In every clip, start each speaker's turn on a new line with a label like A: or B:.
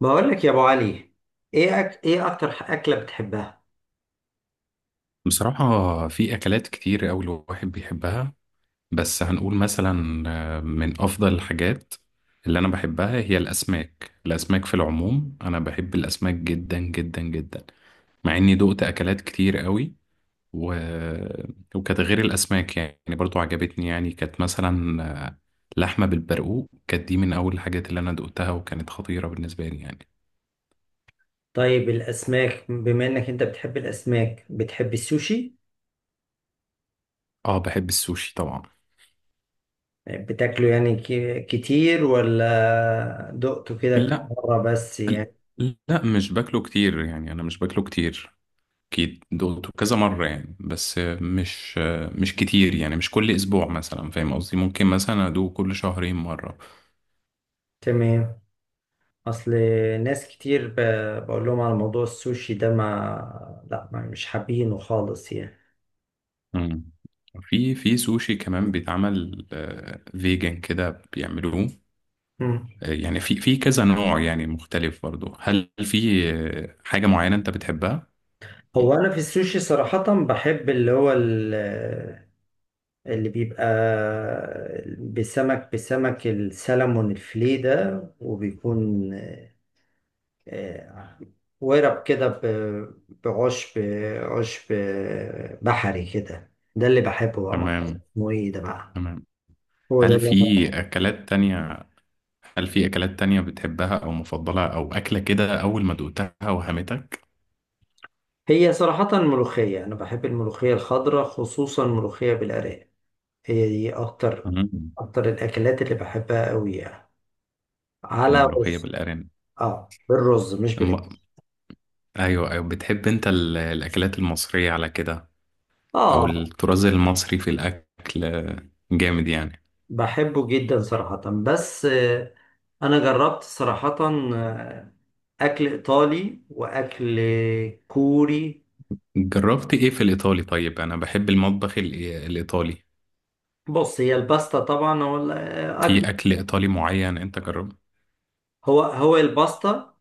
A: بقول لك يا ابو علي. ايه اكتر اكله بتحبها؟
B: بصراحة في أكلات كتير أوي الواحد بيحبها. بس هنقول مثلا، من أفضل الحاجات اللي أنا بحبها هي الأسماك في العموم. أنا بحب الأسماك جدا جدا جدا، مع إني دقت أكلات كتير أوي. و... وكانت غير الأسماك يعني برضو عجبتني. يعني كانت مثلا، لحمة بالبرقوق، كانت دي من أول الحاجات اللي أنا دقتها وكانت خطيرة بالنسبة لي يعني.
A: طيب الاسماك، بما انك انت بتحب الاسماك، بتحب السوشي؟
B: آه، بحب السوشي طبعا.
A: بتاكله كتير ولا دقته كده كم
B: لا،
A: مره بس يعني؟
B: لا مش باكله كتير يعني، انا مش باكله كتير. اكيد دقته كذا مرة يعني، بس مش كتير يعني، مش كل اسبوع مثلا، فاهم قصدي؟ ممكن مثلا ادوق كل شهرين مرة.
A: تمام. اصل ناس كتير ب... بقول لهم على موضوع السوشي ده، ما لا ما مش حابينه خالص يعني.
B: مم. في سوشي كمان بيتعمل فيجن كده بيعملوه.
A: مم.
B: يعني في كذا نوع يعني مختلف برضه. هل في حاجة معينة انت بتحبها؟
A: هو انا في السوشي صراحه بحب اللي هو، اللي بيبقى بسمك السلمون الفلي ده، وبيكون آه، ورق كده بعشب، عشب بحري كده. ده اللي بحبه بقى، ما أعرفش
B: تمام،
A: اسمه ايه ده بقى.
B: تمام.
A: هو ده
B: هل
A: اللي
B: في
A: أنا.
B: أكلات تانية هل في أكلات تانية بتحبها، أو مفضلة، أو أكلة كده أول ما دقتها وهمتك؟
A: هي صراحة الملوخية، أنا بحب الملوخية الخضراء، خصوصا الملوخية بالأرانب. هي دي أكتر
B: مم.
A: أكتر الأكلات اللي بحبها أوي يعني، على
B: الملوخية
A: رز.
B: بالأرانب.
A: آه، بالرز مش
B: الم-
A: بالعيش.
B: ايوه، ايوه، بتحب انت الاكلات المصرية على كده، او
A: آه،
B: الطراز المصري في الاكل، جامد يعني؟
A: بحبه جدا صراحة. بس أنا جربت صراحة آه، أكل إيطالي وأكل كوري.
B: جربت ايه في الايطالي؟ طيب انا بحب المطبخ الايطالي.
A: بص، هي الباستا طبعا هو الأكل.
B: في اكل ايطالي معين انت جربت؟
A: هو الباستا،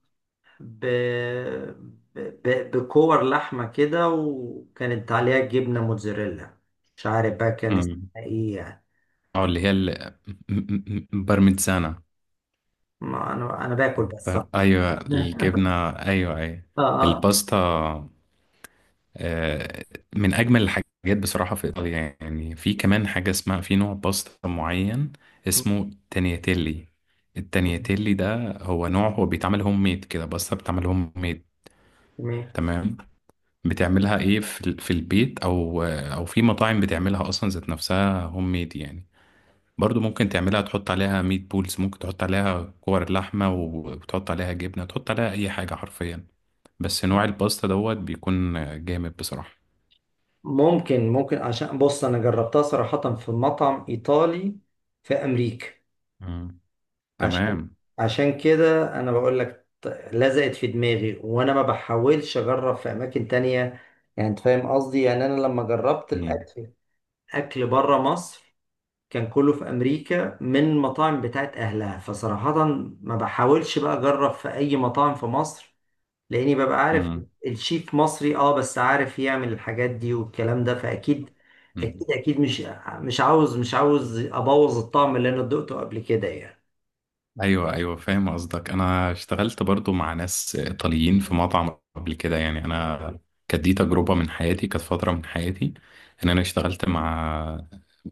A: ب... ب... بكور لحمة كده وكانت عليها جبنة موتزاريلا. مش عارف بقى كان اسمها
B: امم
A: إيه يعني.
B: اه، اللي هي بارميزانا.
A: ما أنا باكل بس صراحة.
B: ايوه، الجبنة، ايوه، ايوه،
A: آه. آه.
B: الباستا، آه، من اجمل الحاجات. بصراحه في ايطاليا يعني، في كمان حاجه اسمها، في نوع باستا معين اسمه تانياتيلي. التانياتيلي ده هو نوع، هو بيتعمل هوم ميد كده، باستا بتعمل هوم ميد.
A: تمام.
B: تمام. بتعملها ايه، في في البيت، او في مطاعم بتعملها اصلا ذات نفسها هوم ميد يعني. برضو ممكن تعملها، تحط عليها ميت بولز، ممكن تحط عليها كور لحمه، وتحط عليها جبنه، تحط عليها اي حاجه حرفيا. بس نوع الباستا دوت بيكون جامد بصراحه.
A: ممكن، ممكن عشان بص انا جربتها صراحة في مطعم ايطالي في امريكا.
B: مم.
A: عشان،
B: تمام.
A: عشان كده انا بقول لك، لزقت في دماغي وانا ما بحاولش اجرب في اماكن تانية. يعني انت فاهم قصدي، يعني انا لما جربت
B: مم.
A: الاكل، اكل بره مصر، كان كله في امريكا من مطاعم بتاعت اهلها. فصراحة ما بحاولش بقى اجرب في اي مطاعم في مصر، لاني ببقى عارف
B: مم.
A: الشيف مصري، اه، بس عارف يعمل الحاجات دي والكلام ده، فاكيد،
B: مم.
A: اكيد اكيد مش مش عاوز، مش عاوز ابوظ الطعم اللي انا دقته قبل كده يعني.
B: ايوه، ايوه، فاهم قصدك. انا اشتغلت برضو مع ناس ايطاليين في مطعم قبل كده يعني. انا كانت دي تجربه من حياتي، كانت فتره من حياتي، ان انا اشتغلت مع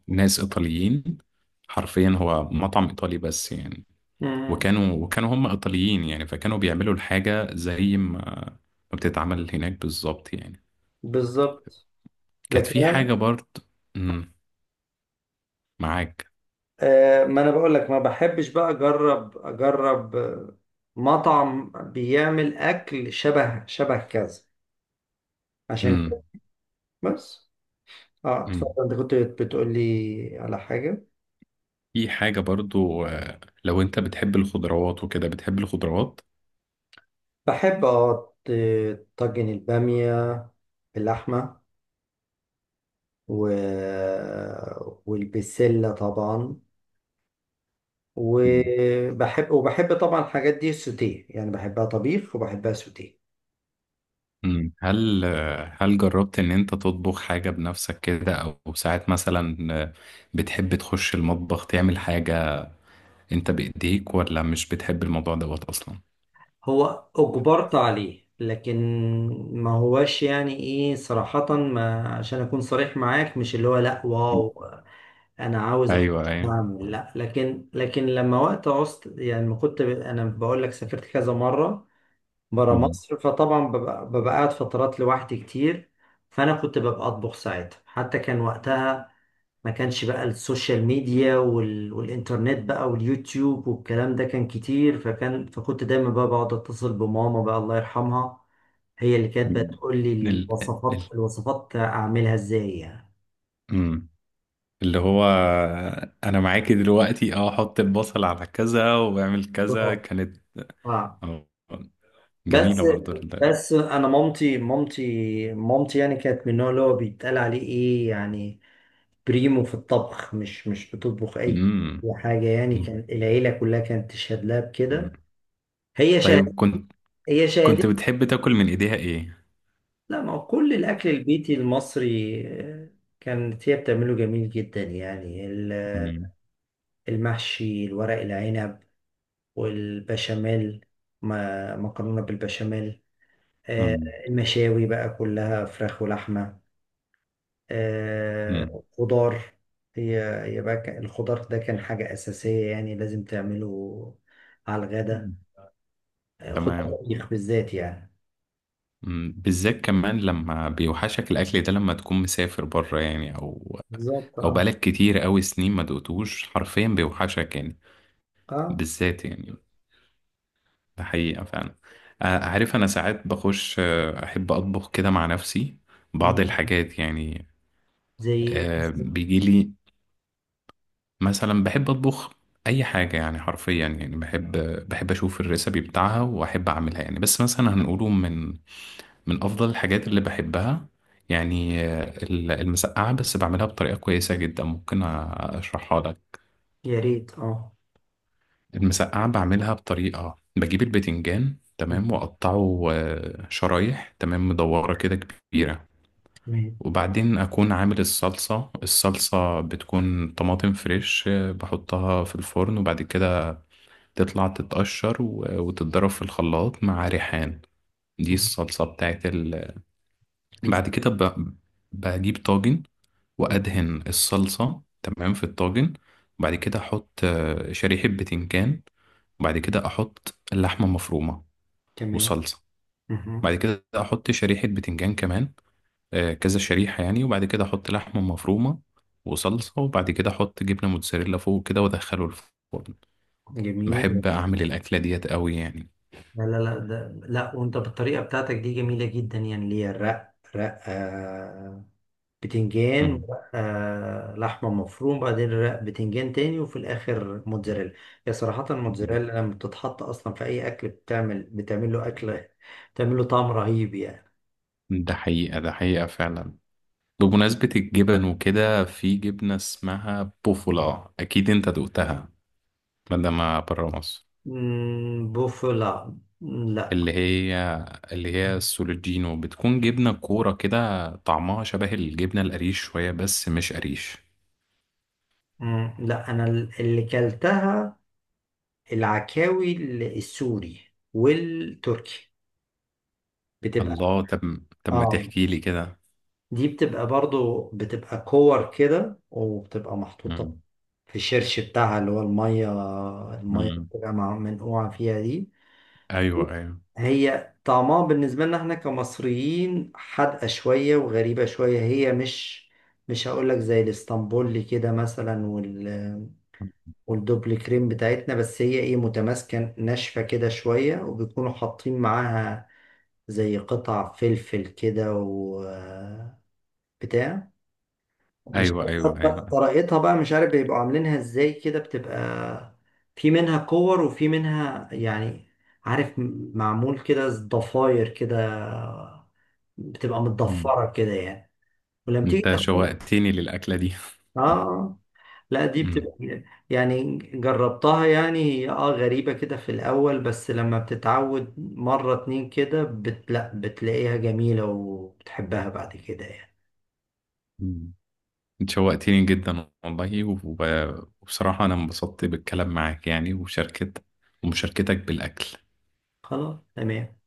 B: ناس ايطاليين، حرفيا هو مطعم ايطالي بس يعني.
A: مم.
B: وكانوا هم ايطاليين يعني، فكانوا بيعملوا الحاجه زي ما بتتعمل هناك بالظبط يعني.
A: بالظبط.
B: كانت
A: لكن
B: في
A: أنا-.
B: حاجه برضو. مم. معاك.
A: آه، ما انا بقول لك ما بحبش بقى اجرب مطعم بيعمل اكل شبه كذا، عشان كده.
B: مم.
A: بس اه، اتفضل، انت كنت بتقول لي على حاجة.
B: في حاجة برضو، لو انت بتحب الخضروات وكده، بتحب الخضروات.
A: بحب اه، طاجن البامية باللحمة، و... والبسلة طبعا.
B: مم.
A: وبحب طبعا الحاجات دي سوتيه، يعني بحبها طبيخ وبحبها سوتيه.
B: مم. هل هل جربت ان انت تطبخ حاجة بنفسك كده، او ساعات مثلا، بتحب تخش المطبخ تعمل حاجة انت بايديك، ولا مش بتحب الموضوع دوت اصلا؟
A: هو أجبرت عليه، لكن ما هواش يعني ايه صراحة، ما عشان أكون صريح معاك، مش اللي هو لأ
B: مم.
A: واو أنا عاوز أخش
B: ايوه، ايوه.
A: أعمل، لأ. لكن لما وقت عوزت يعني، ما كنت أنا بقول لك سافرت كذا مرة برا
B: مم.
A: مصر، فطبعا ببقى قاعد فترات لوحدي كتير. فانا كنت ببقى اطبخ ساعتها. حتى كان وقتها ما كانش بقى السوشيال ميديا والانترنت بقى واليوتيوب والكلام ده، كان كتير. فكنت دايما بقى بقعد اتصل بماما بقى، الله يرحمها. هي اللي كانت
B: مم.
A: بتقول لي
B: ال... ال...
A: الوصفات اعملها ازاي يعني.
B: مم. اللي هو، انا معاكي دلوقتي، اه حط البصل على كذا واعمل كذا كانت،
A: اه.
B: آه،
A: بس،
B: جميلة برضو.
A: بس انا مامتي، مامتي يعني كانت من النوع اللي هو بيتقال عليه ايه يعني، بريمو في الطبخ، مش بتطبخ اي
B: مم.
A: حاجه يعني.
B: مم.
A: كان العيله كلها كانت تشهد لها
B: مم.
A: بكده. هي شهد،
B: طيب كنت
A: هي
B: كنت
A: شهدت.
B: بتحب تاكل من ايديها ايه؟
A: لا، ما هو كل الاكل البيتي المصري كانت هي بتعمله جميل جدا يعني.
B: مم.
A: المحشي، الورق العنب، والبشاميل، مكرونه بالبشاميل، آه،
B: مم.
A: المشاوي بقى كلها فراخ ولحمه،
B: مم.
A: آه، خضار. هي هي بقى الخضار ده كان حاجة أساسية يعني، لازم تعمله على الغدا.
B: مم.
A: آه، خضار
B: تمام.
A: طبيخ بالذات يعني.
B: مم. بالذات كمان لما بيوحشك الاكل ده، لما تكون مسافر بره يعني، او
A: بالظبط،
B: او
A: اه.
B: بقالك كتير قوي سنين ما دقتوش، حرفيا بيوحشك يعني،
A: اه.
B: بالذات يعني. ده حقيقة فعلا. عارف، انا ساعات بخش، احب اطبخ كده مع نفسي بعض
A: مم.
B: الحاجات يعني.
A: زي.
B: بيجي مثلا بحب اطبخ اي حاجه يعني، حرفيا يعني، بحب اشوف الريسبي بتاعها واحب اعملها يعني. بس مثلا هنقوله، من افضل الحاجات اللي بحبها يعني، المسقعه، بس بعملها بطريقه كويسه جدا، ممكن اشرحها لك.
A: يا ريت، اه.
B: المسقعه بعملها بطريقه، بجيب البتنجان تمام،
A: مم.
B: واقطعه شرايح تمام، مدوره كده كبيره.
A: تمام.
B: وبعدين اكون عامل الصلصه. الصلصه بتكون طماطم فريش، بحطها في الفرن، وبعد كده تطلع تتقشر وتتضرب في الخلاط مع ريحان. دي
A: مم.
B: الصلصة بتاعت. بعد كده بجيب طاجن،
A: مم.
B: وأدهن الصلصة تمام في الطاجن. وبعد كده أحط شريحة بتنجان، وبعد كده أحط اللحمة مفرومة
A: تمام.
B: وصلصة.
A: مم.
B: بعد كده أحط شريحة بتنجان كمان، كذا شريحة يعني، وبعد كده أحط لحمة مفرومة وصلصة، وبعد كده أحط جبنة موتزاريلا فوق كده وأدخله الفرن.
A: جميل.
B: بحب أعمل الأكلة ديت قوي يعني.
A: لا لا لا، ده لا، وانت بالطريقة بتاعتك دي جميلة جدا يعني، اللي هي رق بتنجان، ورقة لحمة مفروم، بعدين رق بتنجان تاني، وفي الآخر موتزاريلا. هي صراحة
B: مم.
A: الموتزاريلا لما بتتحط أصلا في أي أكل، بتعمل له أكلة، بتعمل له طعم رهيب يعني.
B: ده حقيقة، ده حقيقة فعلا. بمناسبة الجبن وكده، في جبنة اسمها بوفولا، أكيد أنت دقتها مادام برا مصر.
A: مم، بوفلا. لا لا.
B: اللي هي اللي هي السولوجينو، بتكون جبنة كورة كده، طعمها شبه الجبنة القريش شوية بس مش قريش.
A: مم، لا أنا اللي كلتها العكاوي، السوري والتركي. بتبقى،
B: الله، طب طب، ما
A: اه،
B: تحكي لي كده.
A: دي بتبقى برضو، بتبقى كور كده، وبتبقى محطوطة
B: مم.
A: في الشرش بتاعها اللي هو المية، المية اللي
B: مم.
A: بتبقى منقوعة فيها دي.
B: أيوه، أيوه،
A: هي طعمها بالنسبة لنا احنا كمصريين حادقة شوية وغريبة شوية. هي مش هقولك زي الاسطنبولي كده مثلا، والدوبل كريم بتاعتنا، بس هي ايه، متماسكة ناشفة كده شوية، وبيكونوا حاطين معاها زي قطع فلفل كده وبتاع. مش
B: أيوه، أيوه،
A: عارف
B: أيوه.
A: طريقتها بقى، مش عارف بيبقوا عاملينها ازاي كده. بتبقى في منها كور وفي منها يعني، عارف، معمول كده ضفاير كده، بتبقى
B: مم.
A: متضفرة كده يعني. ولما تيجي
B: أنت
A: تاخد،
B: شوقتني للأكلة دي.
A: اه، لا دي بتبقى، يعني جربتها، يعني هي اه غريبة كده في الأول، بس لما بتتعود مرة اتنين كده لا، بتلاقيها جميلة وبتحبها بعد كده يعني.
B: مم. انت شوقتيني جدا والله، وبصراحة أنا انبسطت بالكلام معاك يعني، وشاركت ومشاركتك بالأكل.
A: خلاص تمام.